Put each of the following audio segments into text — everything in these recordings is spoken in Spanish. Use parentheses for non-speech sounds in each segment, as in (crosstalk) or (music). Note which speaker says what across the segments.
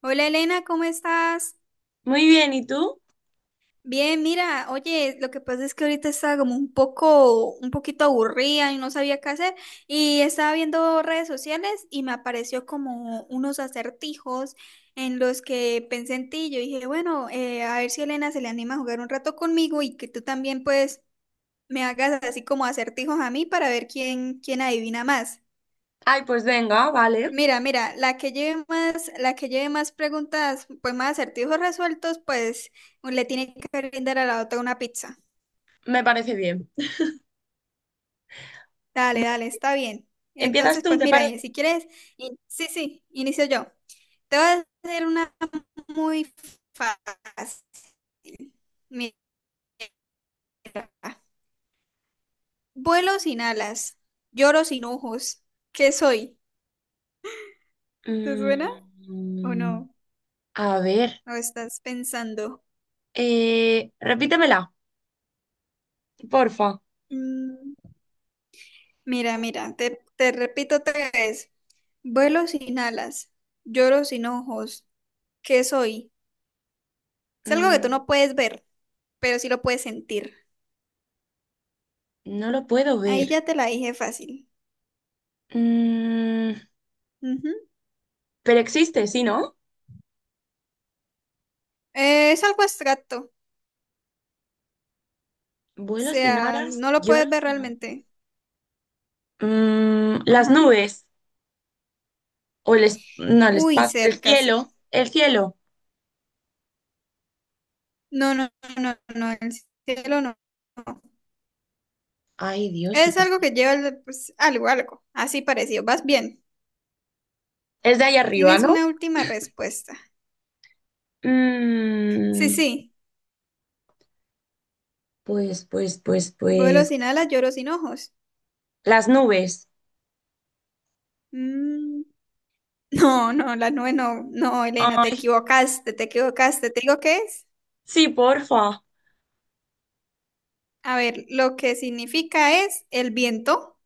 Speaker 1: Hola Elena, ¿cómo estás?
Speaker 2: Muy bien, ¿y tú?
Speaker 1: Bien, mira, oye, lo que pasa es que ahorita estaba como un poco, un poquito aburrida y no sabía qué hacer, y estaba viendo redes sociales y me apareció como unos acertijos en los que pensé en ti. Yo dije, bueno, a ver si Elena se le anima a jugar un rato conmigo y que tú también pues me hagas así como acertijos a mí para ver quién, quién adivina más.
Speaker 2: Ay, pues venga, vale.
Speaker 1: Mira, mira, la que lleve más, la que lleve más preguntas, pues más acertijos resueltos, pues le tiene que brindar a la otra una pizza.
Speaker 2: Me parece bien.
Speaker 1: Dale,
Speaker 2: Bueno,
Speaker 1: dale, está bien.
Speaker 2: ¿empiezas
Speaker 1: Entonces,
Speaker 2: tú,
Speaker 1: pues
Speaker 2: te
Speaker 1: mira, y
Speaker 2: parece?
Speaker 1: si quieres, sí, sí, inicio yo. Te voy a hacer una muy fácil. Mira, vuelo sin alas, lloro sin ojos. ¿Qué soy? ¿Te suena o
Speaker 2: Mm,
Speaker 1: no?
Speaker 2: a ver,
Speaker 1: ¿O estás pensando?
Speaker 2: repítemela, porfa.
Speaker 1: Mm, Mira, mira, te repito otra vez. Vuelo sin alas, lloro sin ojos. ¿Qué soy? Es algo que tú
Speaker 2: Mm,
Speaker 1: no puedes ver, pero sí lo puedes sentir.
Speaker 2: no lo puedo
Speaker 1: Ahí
Speaker 2: ver.
Speaker 1: ya te la dije fácil.
Speaker 2: Mm,
Speaker 1: Ujú.
Speaker 2: pero existe, ¿sí, no?
Speaker 1: Es algo abstracto. O
Speaker 2: Vuelo sin
Speaker 1: sea,
Speaker 2: alas,
Speaker 1: no lo puedes
Speaker 2: lloro
Speaker 1: ver
Speaker 2: sin no.
Speaker 1: realmente.
Speaker 2: Las
Speaker 1: Ajá.
Speaker 2: nubes. O el, no, el
Speaker 1: Uy,
Speaker 2: espacio, el
Speaker 1: cerca.
Speaker 2: cielo, el cielo.
Speaker 1: No, no, no, no, el cielo no. No.
Speaker 2: Ay, Dios, sí
Speaker 1: Es
Speaker 2: que
Speaker 1: algo
Speaker 2: sí.
Speaker 1: que pues, algo, algo. Así parecido. Vas bien.
Speaker 2: Es de ahí arriba,
Speaker 1: Tienes
Speaker 2: ¿no?
Speaker 1: una última respuesta. Sí,
Speaker 2: Mm,
Speaker 1: sí.
Speaker 2: pues, pues, pues,
Speaker 1: Vuelo
Speaker 2: pues.
Speaker 1: sin alas, lloro sin ojos.
Speaker 2: Las nubes.
Speaker 1: Mm, No, no, la nube no, no, Elena, te
Speaker 2: Ay,
Speaker 1: equivocaste, te equivocaste. ¿Te digo qué es?
Speaker 2: sí, porfa.
Speaker 1: A ver, lo que significa es el viento.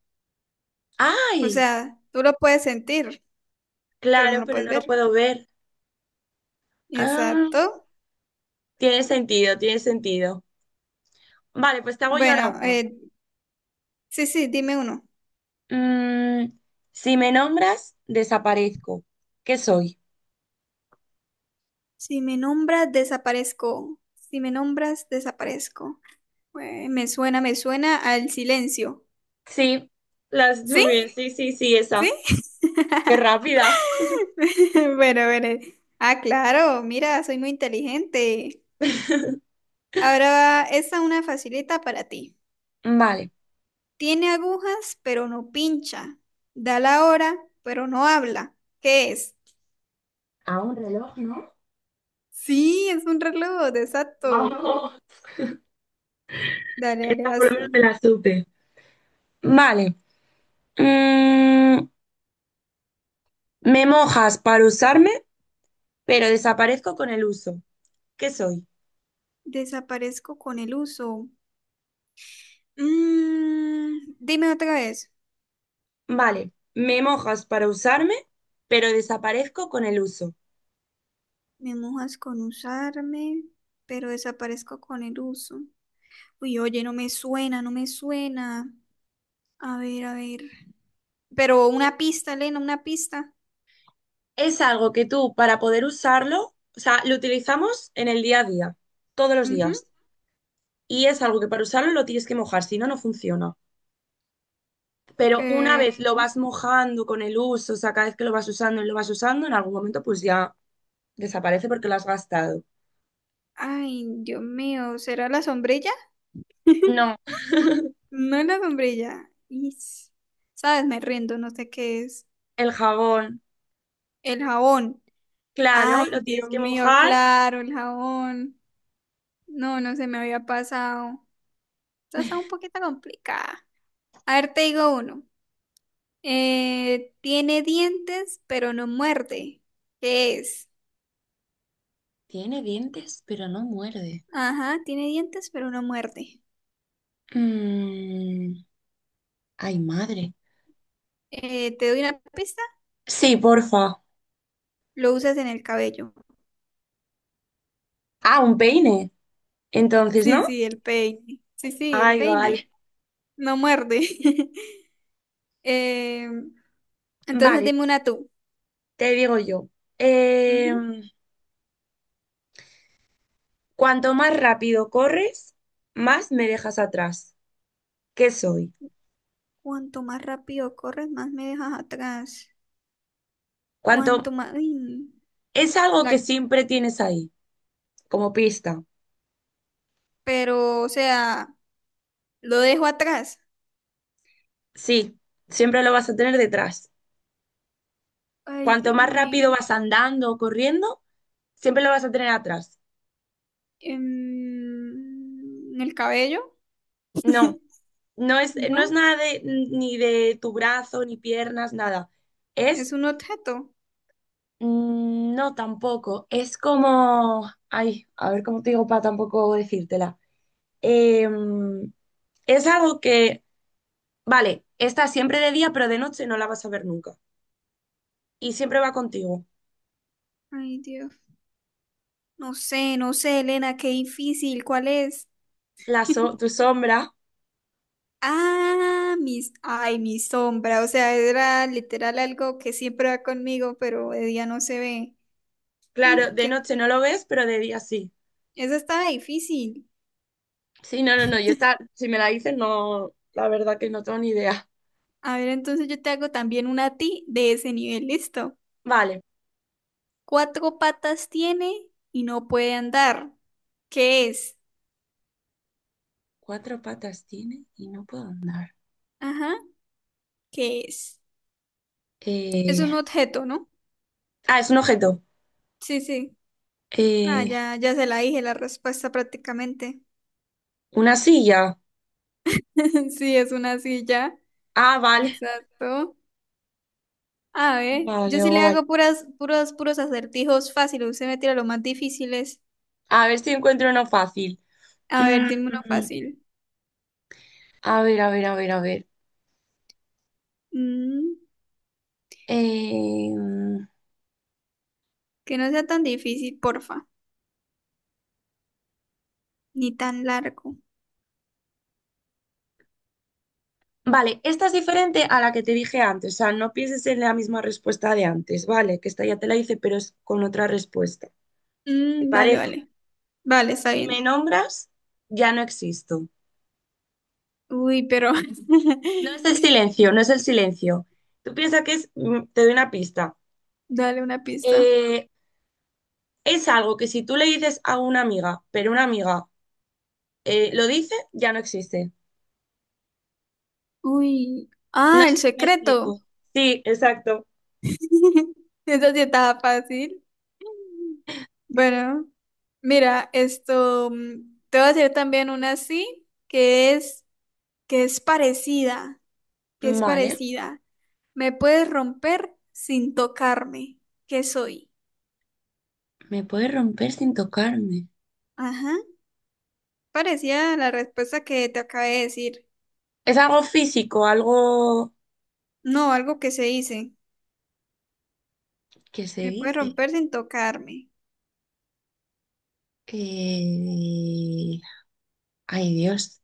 Speaker 1: O
Speaker 2: Ay,
Speaker 1: sea, tú lo puedes sentir, pero no
Speaker 2: claro,
Speaker 1: lo
Speaker 2: pero
Speaker 1: puedes
Speaker 2: no lo
Speaker 1: ver.
Speaker 2: puedo ver. Ah,
Speaker 1: Exacto.
Speaker 2: tiene sentido, tiene sentido. Vale, pues te hago yo ahora
Speaker 1: Bueno,
Speaker 2: una.
Speaker 1: sí, sí, dime uno.
Speaker 2: Mm, si me nombras, desaparezco. ¿Qué soy?
Speaker 1: Si me nombras, desaparezco. Si me nombras, desaparezco. Me suena al silencio.
Speaker 2: Sí, las
Speaker 1: ¿Sí?
Speaker 2: nubes. Sí, sí, sí,
Speaker 1: ¿Sí?
Speaker 2: esa. Qué
Speaker 1: (laughs)
Speaker 2: rápida.
Speaker 1: Bueno, bueno. Ah, claro, mira, soy muy inteligente. Ahora va, esta es una facilita para ti.
Speaker 2: Vale.
Speaker 1: Tiene agujas, pero no pincha. Da la hora, pero no habla. ¿Qué es?
Speaker 2: ¿A un reloj, no?
Speaker 1: Sí, es un reloj,
Speaker 2: (laughs)
Speaker 1: exacto.
Speaker 2: Vamos.
Speaker 1: Dale, dale,
Speaker 2: Esta por lo
Speaker 1: vas
Speaker 2: menos
Speaker 1: tú.
Speaker 2: me la supe. Vale. Mm, Me mojas para usarme, pero desaparezco con el uso. ¿Qué soy?
Speaker 1: Desaparezco con el uso. Dime otra vez.
Speaker 2: Vale, me mojas para usarme, pero desaparezco con el uso.
Speaker 1: Me mojas con usarme, pero desaparezco con el uso. Uy, oye, no me suena, no me suena. A ver, a ver. Pero una pista, Elena, una pista.
Speaker 2: Es algo que tú, para poder usarlo, o sea, lo utilizamos en el día a día, todos los
Speaker 1: Ujú.
Speaker 2: días. Y es algo que para usarlo lo tienes que mojar, si no, no funciona. Pero una
Speaker 1: Eh,
Speaker 2: vez lo vas mojando con el uso, o sea, cada vez que lo vas usando y lo vas usando, en algún momento pues ya desaparece porque lo has gastado.
Speaker 1: Ay, Dios mío, ¿será la sombrilla? (laughs)
Speaker 2: No,
Speaker 1: No es la sombrilla. Is. ¿Sabes? Me rindo, no sé qué es.
Speaker 2: el jabón,
Speaker 1: El jabón.
Speaker 2: claro,
Speaker 1: Ay,
Speaker 2: lo tienes
Speaker 1: Dios
Speaker 2: que
Speaker 1: mío,
Speaker 2: mojar.
Speaker 1: claro, el jabón. No, no se me había pasado. Esta Está un poquito complicada. A ver, te digo uno. Tiene dientes, pero no muerde. ¿Qué es?
Speaker 2: Tiene dientes, pero no muerde.
Speaker 1: Ajá, tiene dientes, pero no muerde.
Speaker 2: Mm, ay, madre.
Speaker 1: Te doy una pista.
Speaker 2: Sí, porfa.
Speaker 1: Lo usas en el cabello.
Speaker 2: Ah, un peine. Entonces,
Speaker 1: Sí,
Speaker 2: ¿no?
Speaker 1: sí, el peine. Sí, sí, el
Speaker 2: Ay, vale.
Speaker 1: peine. No muerde. (laughs) Eh, entonces
Speaker 2: Vale,
Speaker 1: dime una tú.
Speaker 2: te digo yo.
Speaker 1: Ujú.
Speaker 2: Em, cuanto más rápido corres, más me dejas atrás. ¿Qué soy?
Speaker 1: Cuanto más rápido corres, más me dejas atrás.
Speaker 2: Cuanto
Speaker 1: Cuanto más... Uy,
Speaker 2: es algo
Speaker 1: la...
Speaker 2: que siempre tienes ahí, como pista.
Speaker 1: Pero, o sea, lo dejo atrás.
Speaker 2: Sí, siempre lo vas a tener detrás.
Speaker 1: Ay,
Speaker 2: Cuanto
Speaker 1: Dios
Speaker 2: más
Speaker 1: mío.
Speaker 2: rápido vas andando o corriendo, siempre lo vas a tener atrás.
Speaker 1: ¿El cabello?
Speaker 2: No,
Speaker 1: (laughs)
Speaker 2: no es
Speaker 1: ¿No?
Speaker 2: nada de, ni de tu brazo, ni piernas, nada.
Speaker 1: ¿Es
Speaker 2: Es
Speaker 1: un objeto?
Speaker 2: No, tampoco. Es como, ay, a ver cómo te digo para tampoco decírtela. Em, es algo que, vale, está siempre de día, pero de noche no la vas a ver nunca. Y siempre va contigo.
Speaker 1: Ay, Dios. No sé, no sé, Elena, qué difícil. ¿Cuál es?
Speaker 2: La tu sombra,
Speaker 1: Ah, mis, ay, mi sombra, o sea, era literal algo que siempre va conmigo, pero de día no se ve.
Speaker 2: claro,
Speaker 1: Mm,
Speaker 2: de
Speaker 1: que-
Speaker 2: noche no lo ves, pero de día sí.
Speaker 1: esa estaba difícil.
Speaker 2: Sí, no, no, no. Yo esta, si me la dices, no, la verdad que no tengo ni idea.
Speaker 1: A ver, entonces yo te hago también una a ti de ese nivel, listo.
Speaker 2: Vale.
Speaker 1: Cuatro patas tiene y no puede andar. ¿Qué es?
Speaker 2: Cuatro patas tiene y no puedo andar.
Speaker 1: Ajá, ¿qué es? Es
Speaker 2: Eh,
Speaker 1: un objeto, ¿no?
Speaker 2: Ah, es un objeto.
Speaker 1: Sí, sí. Ah,
Speaker 2: Eh,
Speaker 1: ya, ya se la dije la respuesta prácticamente.
Speaker 2: una silla.
Speaker 1: (laughs) Sí, es una silla.
Speaker 2: Ah, vale.
Speaker 1: Exacto. A ver, yo
Speaker 2: Vale,
Speaker 1: sí le
Speaker 2: guay.
Speaker 1: hago puras, puros acertijos fáciles. Usted me tira los más difíciles.
Speaker 2: A ver si encuentro uno fácil.
Speaker 1: A ver,
Speaker 2: Mm,
Speaker 1: dime uno fácil.
Speaker 2: a ver, a ver, a ver, a ver.
Speaker 1: Mm,
Speaker 2: Eh,
Speaker 1: que no sea tan difícil, porfa. Ni tan largo.
Speaker 2: vale, esta es diferente a la que te dije antes. O sea, no pienses en la misma respuesta de antes, ¿vale? Que esta ya te la hice, pero es con otra respuesta. ¿Te
Speaker 1: Mm, vale,
Speaker 2: parece?
Speaker 1: vale. Vale, está
Speaker 2: Si me
Speaker 1: bien.
Speaker 2: nombras, ya no existo.
Speaker 1: Uy, pero.
Speaker 2: No es el
Speaker 1: (laughs)
Speaker 2: silencio, no es el silencio. Tú piensas que es, te doy una pista.
Speaker 1: Dale una pista.
Speaker 2: Eh, es algo que si tú le dices a una amiga, pero una amiga lo dice, ya no existe.
Speaker 1: Uy.
Speaker 2: No
Speaker 1: Ah,
Speaker 2: sé
Speaker 1: el
Speaker 2: si me
Speaker 1: secreto.
Speaker 2: explico. Sí, exacto.
Speaker 1: (laughs) Eso sí estaba fácil. Bueno, mira, Te voy a hacer también una así, que es parecida. que es
Speaker 2: Vale,
Speaker 1: parecida. Me puedes romper sin tocarme. ¿Qué soy?
Speaker 2: me puede romper sin tocarme.
Speaker 1: Ajá. Parecía la respuesta que te acabé de decir.
Speaker 2: Es algo físico, algo
Speaker 1: No, algo que se dice.
Speaker 2: que se
Speaker 1: Me puedes
Speaker 2: dice.
Speaker 1: romper sin tocarme.
Speaker 2: Eh, Ay, Dios.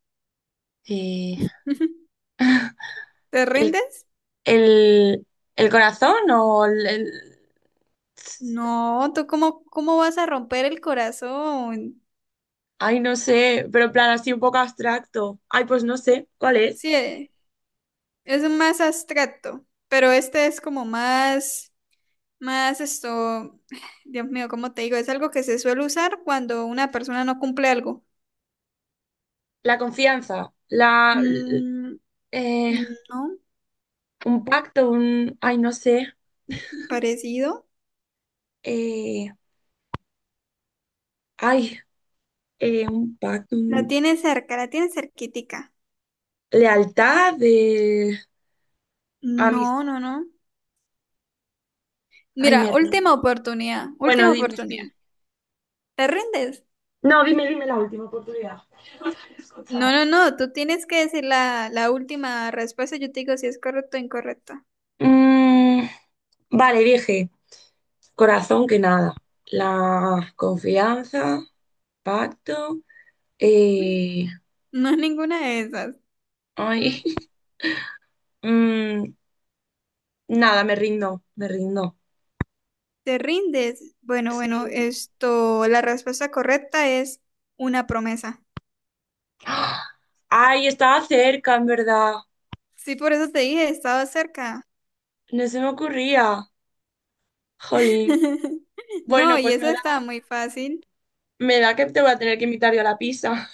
Speaker 2: Eh,
Speaker 1: (laughs)
Speaker 2: (laughs)
Speaker 1: ¿Te
Speaker 2: ¿El,
Speaker 1: rindes?
Speaker 2: el- el corazón o el...
Speaker 1: No, ¿tú cómo, cómo vas a romper el corazón?
Speaker 2: Ay, no sé, pero en plan así un poco abstracto. Ay, pues no sé, ¿cuál es?
Speaker 1: Sí, es más abstracto, pero este es como más, más esto, (sighs) Dios mío, ¿cómo te digo? Es algo que se suele usar cuando una persona no cumple algo.
Speaker 2: La confianza, la...
Speaker 1: Mm,
Speaker 2: eh,
Speaker 1: no,
Speaker 2: un pacto, un... Ay, no sé.
Speaker 1: parecido.
Speaker 2: Eh, Ay, un pacto,
Speaker 1: La
Speaker 2: un
Speaker 1: tiene cerca, la tiene cerquitica.
Speaker 2: lealtad, de amistad.
Speaker 1: No, no, no.
Speaker 2: Ay,
Speaker 1: Mira,
Speaker 2: me rindo.
Speaker 1: última oportunidad,
Speaker 2: Bueno,
Speaker 1: última
Speaker 2: dime,
Speaker 1: oportunidad.
Speaker 2: sí.
Speaker 1: ¿Te rindes?
Speaker 2: No, dime, dime la última oportunidad. (laughs) No te he
Speaker 1: No,
Speaker 2: escuchado.
Speaker 1: no, no, tú tienes que decir la última respuesta, yo te digo si es correcto o incorrecto.
Speaker 2: Mm, vale, dije, corazón que nada. La confianza, pacto. eh,
Speaker 1: No es ninguna de esas.
Speaker 2: ay, (laughs) mm, nada, me rindo, me rindo.
Speaker 1: ¿Te rindes? Bueno, bueno,
Speaker 2: Sí.
Speaker 1: esto, la respuesta correcta es una promesa.
Speaker 2: (gasps) ¡Ah! Ay, estaba cerca, en verdad.
Speaker 1: Sí, por eso te dije, estaba cerca.
Speaker 2: No se me ocurría. Jolín.
Speaker 1: (laughs) No,
Speaker 2: Bueno,
Speaker 1: y
Speaker 2: pues
Speaker 1: esa estaba muy fácil.
Speaker 2: me da que te voy a tener que invitar yo a la pizza.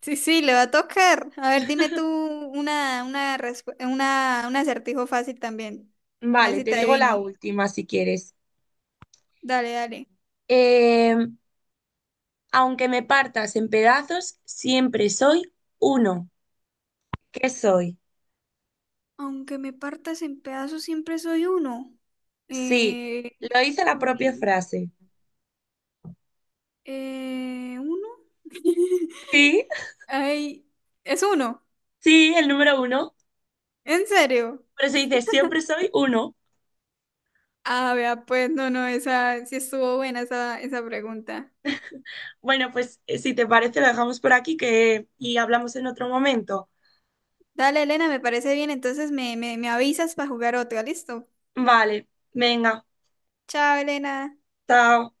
Speaker 1: Sí, sí, le va a tocar. A ver, dime tú una, un acertijo fácil también. A ver
Speaker 2: Vale,
Speaker 1: si
Speaker 2: te
Speaker 1: te
Speaker 2: digo la
Speaker 1: adivino.
Speaker 2: última si quieres.
Speaker 1: Dale, dale.
Speaker 2: Eh, aunque me partas en pedazos, siempre soy uno. ¿Qué soy?
Speaker 1: Aunque me partas en pedazos, siempre soy uno.
Speaker 2: Sí,
Speaker 1: Eh,
Speaker 2: lo hice la propia
Speaker 1: uy,
Speaker 2: frase.
Speaker 1: ¿Uno? (laughs)
Speaker 2: Sí,
Speaker 1: Ay, es uno.
Speaker 2: sí, el número uno.
Speaker 1: ¿En serio?
Speaker 2: Pero se dice siempre soy uno.
Speaker 1: Ah, vea, pues no, no, esa sí estuvo buena esa, esa pregunta.
Speaker 2: Bueno, pues si te parece, lo dejamos por aquí que... y hablamos en otro momento.
Speaker 1: Dale, Elena, me parece bien. Entonces me avisas para jugar otro. ¿Listo?
Speaker 2: Vale, venga,
Speaker 1: Chao, Elena.
Speaker 2: chao.